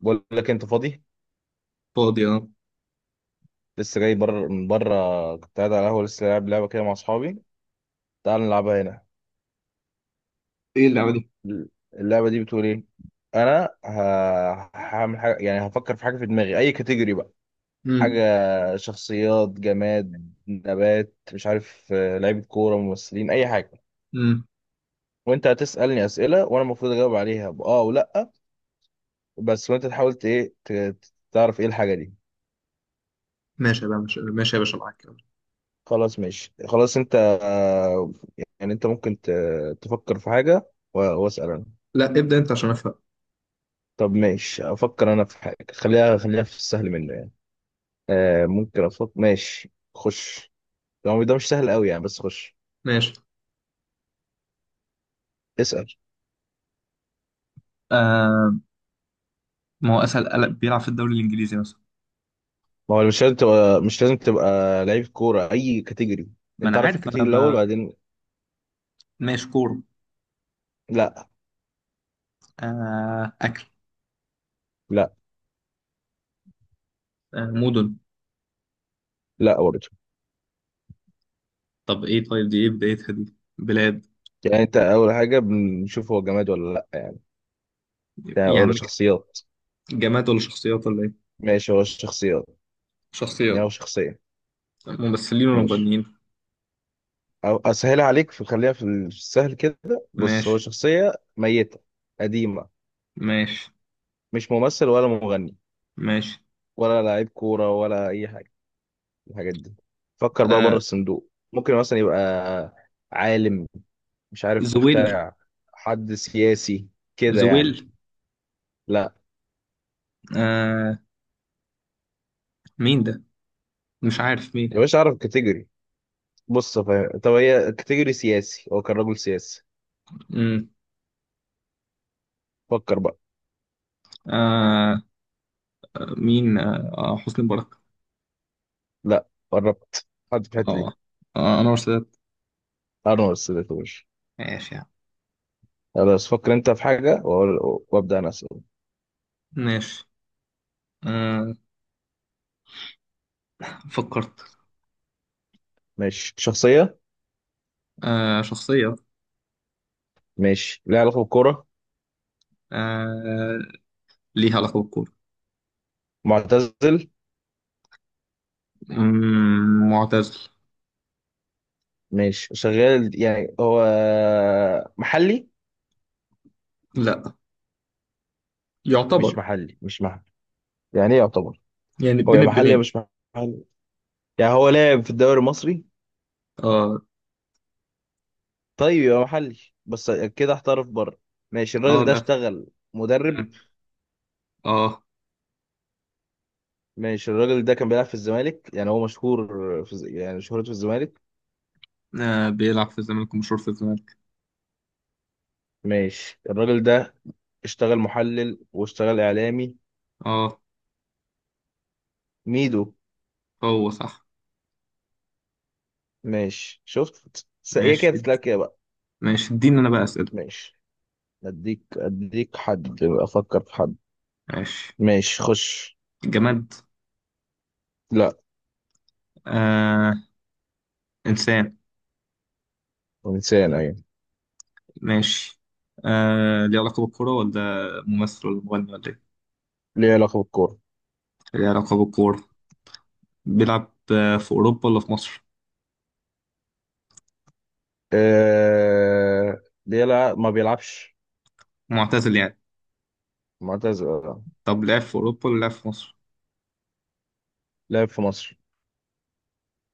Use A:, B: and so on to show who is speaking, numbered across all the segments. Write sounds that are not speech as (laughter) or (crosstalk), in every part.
A: بقول لك انت فاضي.
B: فاضي، اه.
A: لسه جاي بره من بره، كنت قاعد على القهوه، لسه لاعب لعبه كده مع اصحابي. تعال نلعبها هنا.
B: ايه اللعبه دي؟
A: اللعبه دي بتقول ايه؟ انا هعمل حاجه، يعني هفكر في حاجه في دماغي، اي كاتيجوري بقى. حاجه.
B: امم.
A: شخصيات، جماد، نبات، مش عارف، لعيبه كوره، ممثلين، اي حاجه.
B: امم.
A: وانت هتسالني اسئله وانا المفروض اجاوب عليها، باه ولا بس. وانت تحاول تعرف ايه الحاجه دي.
B: ماشي بقى، ماشي ماشي يا باشا، معاك يلا.
A: خلاص ماشي، خلاص انت. آه، يعني انت ممكن تفكر في حاجة واسأل انا.
B: لا، ابدأ انت عشان افهم.
A: طب ماشي، افكر انا في حاجة، خليها في السهل منه يعني. آه ممكن، افكر، ماشي خش. هو ده مش سهل قوي يعني، بس خش.
B: ماشي.
A: اسأل.
B: آه. ما هو اسهل، قلق بيلعب في الدوري الانجليزي مثلا؟
A: ما هو مش لازم تبقى لعيب كورة اي كاتيجوري.
B: ما
A: انت
B: انا
A: عارف
B: عارف انا
A: الكاتيجوري الاول،
B: بقى.
A: بعدين.
B: ماشي، كورة.
A: لا،
B: آه، اكل.
A: لا،
B: آه، مدن.
A: لا برضه.
B: طب ايه؟ طيب دي ايه بدايتها؟ دي بلاد.
A: يعني انت اول حاجة بنشوف هو جماد ولا لا يعني، ده
B: يا
A: ولا
B: عم،
A: شخصيات.
B: جماد ولا شخصيات ولا ايه؟
A: ماشي هو شخصيات.
B: شخصيات.
A: يعني هو شخصية.
B: ممثلين ولا
A: ماشي،
B: مغنيين؟
A: او اسهلها عليك في، خليها في السهل كده. بص،
B: ماشي.
A: هو شخصيه ميته، قديمه.
B: ماشي.
A: مش ممثل ولا مغني
B: ماشي.
A: ولا لعيب كوره ولا اي حاجه من الحاجات دي. فكر بقى بره
B: آه.
A: الصندوق. ممكن مثلا يبقى عالم، مش عارف،
B: زويل.
A: مخترع، حد سياسي كده يعني.
B: زويل.
A: لا.
B: آه. مين ده؟ مش عارف مين.
A: يا باشا اعرف كاتيجوري. بص فاهم، طب هي كاتيجوري سياسي، هو كان راجل سياسي، فكر بقى.
B: امم. مين، حسني مبارك؟
A: لا، قربت. حد في الحته دي.
B: اه. آه، انور السادات.
A: انا ما وصلتوش.
B: ماشي يا عم.
A: خلاص، فكر انت في حاجه وابدا انا اسال.
B: ماشي. آه. فكرت.
A: ماشي. شخصية.
B: آه، شخصية.
A: ماشي ليها علاقة بالكورة.
B: آه، ليها علاقة بالكورة.
A: معتزل.
B: معتزل.
A: ماشي شغال يعني هو، محلي.
B: لا.
A: مش
B: يعتبر.
A: محلي، مش محلي. يعني ايه يعتبر؟
B: يعني
A: هو
B: بين
A: يا محلي يا
B: البنين.
A: مش محلي. يعني هو لاعب في الدوري المصري.
B: اه.
A: طيب يبقى محلي، بس كده احترف بره. ماشي،
B: اه.
A: الراجل ده
B: لا.
A: اشتغل مدرب.
B: اه.
A: ماشي، الراجل ده كان بيلعب في الزمالك، يعني هو مشهور يعني شهرته في الزمالك.
B: آه، بيلعب في الزمالك ومشهور في الزمالك.
A: ماشي، الراجل ده اشتغل محلل واشتغل اعلامي.
B: اه.
A: ميدو.
B: هو صح.
A: ماشي، شفت هي كده
B: ماشي.
A: بتتلعب كده بقى.
B: ماشي، اديني انا بقى اسئله.
A: ماشي. اديك حد، افكر في حد.
B: ماشي.
A: ماشي خش.
B: جماد.
A: لا.
B: آه. انسان.
A: انسان ايوه.
B: ماشي. آه، ليه علاقة بالكورة ولا ممثل ولا مغني ولا ايه؟
A: ليه علاقه بالكوره.
B: ليه علاقة بالكورة. بيلعب في أوروبا ولا في مصر؟
A: ليه، لا، ما بيلعبش.
B: معتزل يعني.
A: معتزل آه.
B: طب لعب في أوروبا ولا لعب في مصر؟
A: لعب في مصر.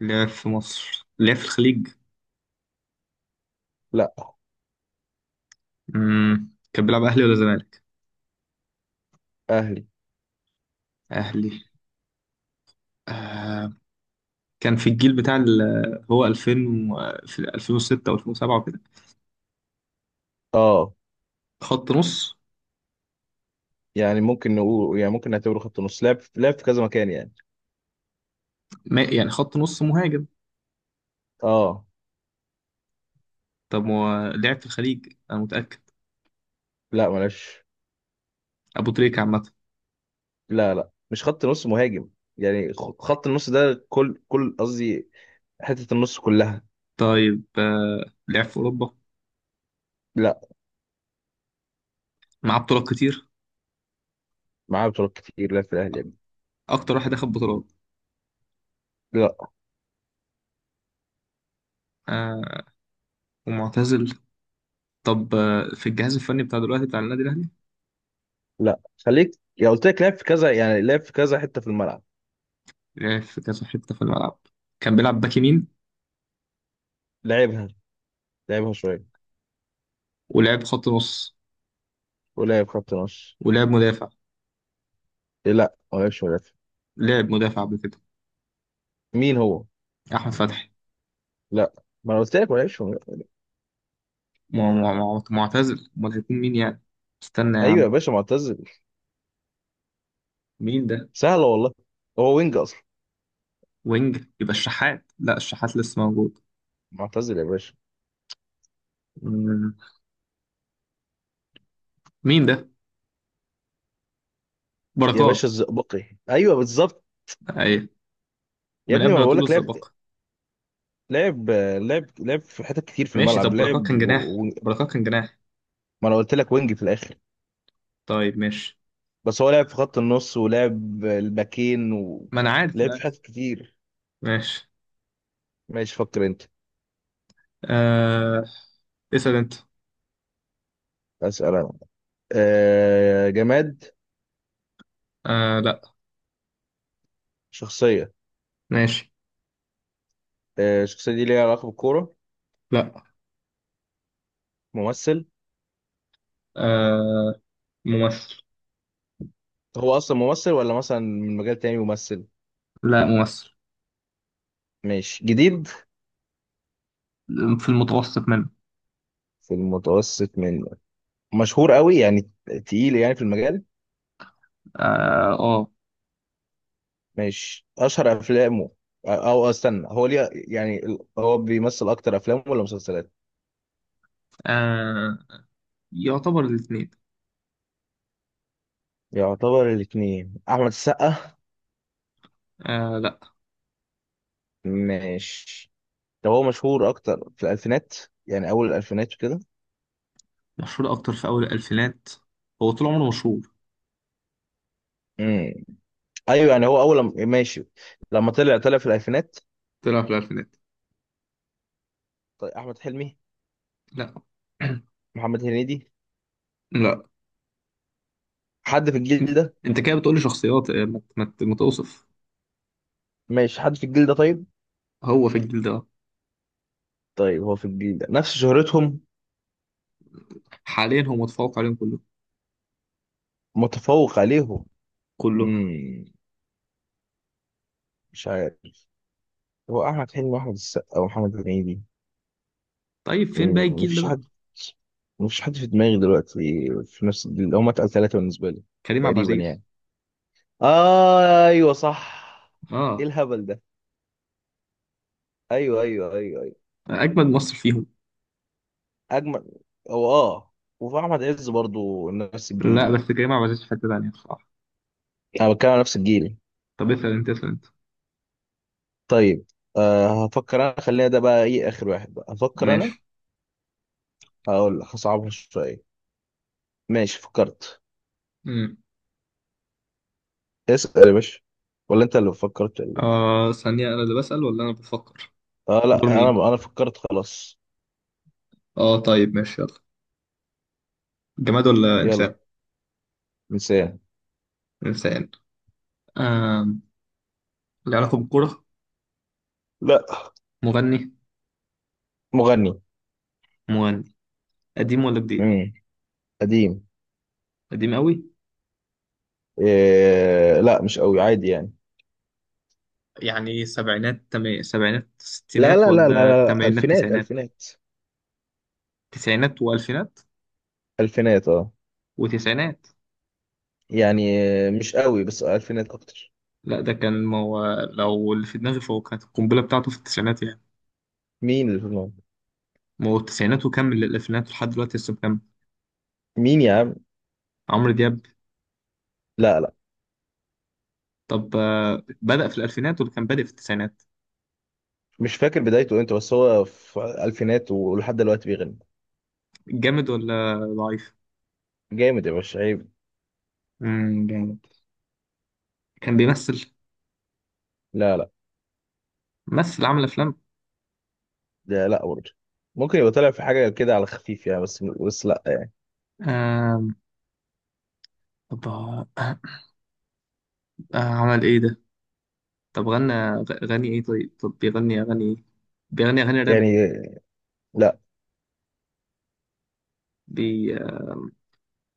B: لعب في مصر، لعب في الخليج.
A: لا.
B: مم. كان بيلعب أهلي ولا زمالك؟
A: اهلي.
B: أهلي. آه. كان في الجيل بتاع هو 2000 و في 2006 أو 2007 وكده.
A: اه.
B: خط نص.
A: يعني ممكن نقول، يعني ممكن نعتبره خط نص، لعب في كذا مكان يعني.
B: ما... يعني خط نص مهاجم.
A: اه.
B: طب هو لعب في الخليج، أنا متأكد.
A: لا معلش.
B: أبو تريكة عامة.
A: لا، لا، مش خط نص مهاجم. يعني خط النص ده كل قصدي، حته النص كلها.
B: طيب. آه. لعب في أوروبا.
A: لا.
B: معاه بطولات كتير.
A: معاه بطولات كتير، لعب في الاهلي يعني.
B: اكتر واحد اخد بطولات.
A: لا.
B: آه. ومعتزل. طب في الجهاز الفني بتاع دلوقتي بتاع النادي الاهلي.
A: لا، خليك. يا قلت لك لعب في كذا يعني، لعب في كذا حته في الملعب.
B: لعب في كذا حته في الملعب. كان بيلعب باك يمين.
A: لعبها لعبها شويه.
B: ولعب خط نص.
A: ولعب خط نص.
B: ولعب مدافع.
A: إيه، لا ما لعبش مدافع.
B: لعب مدافع قبل كده.
A: مين هو؟
B: احمد فتحي.
A: لا. ما انا قلت لك ما لعبش مدافع.
B: معتزل، امال هيكون مين يعني؟ استنى يا
A: ايوه
B: عم.
A: يا باشا، معتزل.
B: مين ده؟
A: سهله والله. هو وينج اصلا.
B: وينج يبقى الشحات، لا الشحات لسه موجود.
A: معتزل يا باشا.
B: مم. مين ده؟
A: يا
B: بركات.
A: باشا الزئبقي، ايوه بالظبط.
B: ايوه.
A: يا
B: من
A: ابني ما
B: قبل ما
A: بقول
B: تقول
A: لك لعب
B: الزبقه.
A: لعب لعب لعب في حتت كتير في
B: ماشي.
A: الملعب
B: طب بركات
A: لعب
B: كان جناح،
A: و... و...
B: بركات كان جناح.
A: ما انا قلت لك وينج في الاخر.
B: طيب ماشي.
A: بس هو لعب في خط النص ولعب الباكين
B: ما انا عارف، انا
A: لعب في حتت
B: عارف.
A: كتير.
B: ماشي.
A: ماشي فكر انت.
B: آه... اسأل انت.
A: اسال انا. جماد.
B: لا.
A: شخصية.
B: ماشي.
A: الشخصية دي ليها علاقة بالكورة.
B: لا.
A: ممثل.
B: آه... ممثل.
A: هو أصلا ممثل، ولا مثلا من مجال تاني ممثل.
B: لا ممثل.
A: ماشي. جديد.
B: في المتوسط منه.
A: في المتوسط من. مشهور قوي يعني، تقيل يعني في المجال.
B: اه. آه.
A: ماشي، أشهر أفلامه. أو استنى، هو ليه يعني، هو بيمثل أكتر أفلام ولا مسلسلات؟
B: آه... يعتبر الاثنين.
A: يعتبر الاتنين، أحمد السقا.
B: لا.
A: ماشي. طب هو مشهور أكتر في الألفينات يعني، أول الألفينات
B: مشهور اكتر في اول الالفينات. هو طول عمره مشهور.
A: وكده. ايوه يعني، هو اول لما ماشي، لما طلع في الالفينات.
B: طلع في الالفينات.
A: طيب، احمد حلمي.
B: لا. (clears throat)
A: محمد هنيدي.
B: لا.
A: حد في الجيل ده.
B: انت كده بتقولي شخصيات، ما توصف.
A: ماشي، حد في الجيل ده طيب.
B: هو في الجيل ده.
A: طيب هو في الجيل ده نفس شهرتهم.
B: حاليا هو متفوق عليهم كلهم.
A: متفوق عليهم.
B: كلهم.
A: امم مش عارف، هو احمد حلمي واحمد السقا ومحمد هنيدي.
B: طيب فين باقي الجيل ده
A: مفيش
B: بقى؟
A: حد. مفيش حد في دماغي دلوقتي في نفس الجيل، هم اتقل ثلاثه بالنسبه لي.
B: كريم عبد
A: تقريبا
B: العزيز.
A: يعني. آه ايوه صح. ايه
B: اه.
A: الهبل ده؟ ايوه، ايوه، ايوه.
B: اجمد مصر فيهم.
A: اجمل. هو اه. وفي احمد عز برضو نفس
B: لا،
A: الجيل.
B: بس كريم عبد العزيز في حتة تانية بصراحة.
A: انا بتكلم على نفس الجيل.
B: طب اسأل انت، اسأل انت.
A: طيب، هفكر انا، خلينا ده بقى، ايه اخر واحد بقى، هفكر انا.
B: ماشي.
A: هقول هصعبها شويه. ماشي فكرت.
B: امم
A: اسال يا باشا. ولا انت اللي فكرت.
B: آه، ثانية، أنا اللي بسأل ولا أنا بفكر؟
A: اه
B: دور
A: لا، انا
B: مين؟
A: انا فكرت خلاص.
B: آه طيب ماشي يلا. جماد ولا
A: يلا.
B: إنسان؟
A: انسان.
B: إنسان. آه. له علاقة بالكورة.
A: لا.
B: مغني.
A: مغني.
B: مغني. قديم ولا جديد؟
A: امم قديم.
B: قديم قوي.
A: إيه لا، مش قوي، عادي يعني.
B: يعني سبعينات، تمام سبعينات
A: لا،
B: ستينات
A: لا، لا، لا،
B: ولا
A: لا،
B: تمانينات
A: الفينات
B: تسعينات؟
A: الفينات.
B: تسعينات والفينات.
A: الفينات اه.
B: وتسعينات.
A: يعني مش قوي، بس الفينات اكتر.
B: لا، ده كان ما هو. لو اللي في دماغي فهو كانت القنبلة بتاعته في التسعينات يعني.
A: مين اللي في الموقف؟
B: ما هو التسعينات وكمل للألفينات ولحد دلوقتي لسه مكمل.
A: مين يا عم؟
B: عمرو دياب.
A: لا، لا.
B: طب بدأ في الألفينات ولا كان بادئ في التسعينات؟
A: مش فاكر بدايته امتى، بس هو في الفينات ولحد دلوقتي بيغني.
B: جامد ولا ضعيف؟
A: جامد يا باشا، عيب.
B: جامد. كان بيمثل.
A: لا، لا.
B: مثل عمل أفلام.
A: لا، لا برضه، ممكن يبقى طالع في حاجه كده على خفيف يعني، بس لا يعني.
B: آم، طب، عمل إيه ده؟ طب غني إيه؟ طيب طب بيغني أغاني إيه؟ بيغني أغاني راب.
A: يعني لا.
B: بي آه،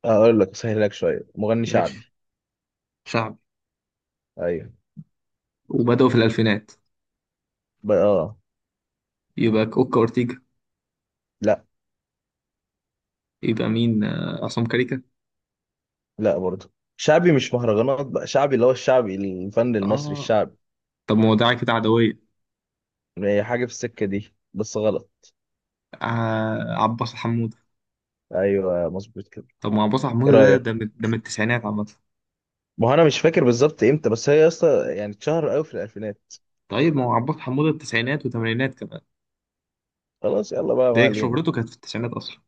A: اقول لك سهل لك شويه، مغني شعبي.
B: ماشي. شعبي.
A: ايوه.
B: وبدأوا في الألفينات.
A: اه.
B: يبقى أوكا أورتيجا.
A: لا،
B: يبقى مين، عصام كاريكا؟
A: لا برضه. شعبي مش مهرجانات بقى، شعبي اللي هو الشعبي الفن المصري
B: آه.
A: الشعبي.
B: طب ما هو ده كده عدوية.
A: هي حاجه في السكه دي بس غلط.
B: آه، عباس حمودة.
A: ايوه، مظبوط كده.
B: طب ما عباس
A: ايه
B: حمودة ده،
A: رايك؟
B: ده من، ده من التسعينات عامة.
A: ما هو انا مش فاكر بالظبط امتى، بس هي اصلا يعني اتشهر قوي في الالفينات.
B: طيب ما هو عباس حمودة التسعينات وتمانينات كمان.
A: خلاص يلا بقى، ما
B: ده
A: علينا.
B: شهرته كانت في التسعينات أصلا.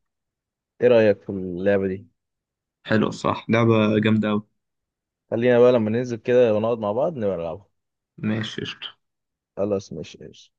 A: ايه رأيك في اللعبة دي؟
B: حلو الصراحة، لعبة جامدة أوي.
A: خلينا بقى لما ننزل كده ونقعد مع بعض نبقى نلعبها.
B: ماشي قشطة.
A: خلاص ماشي، ماشي.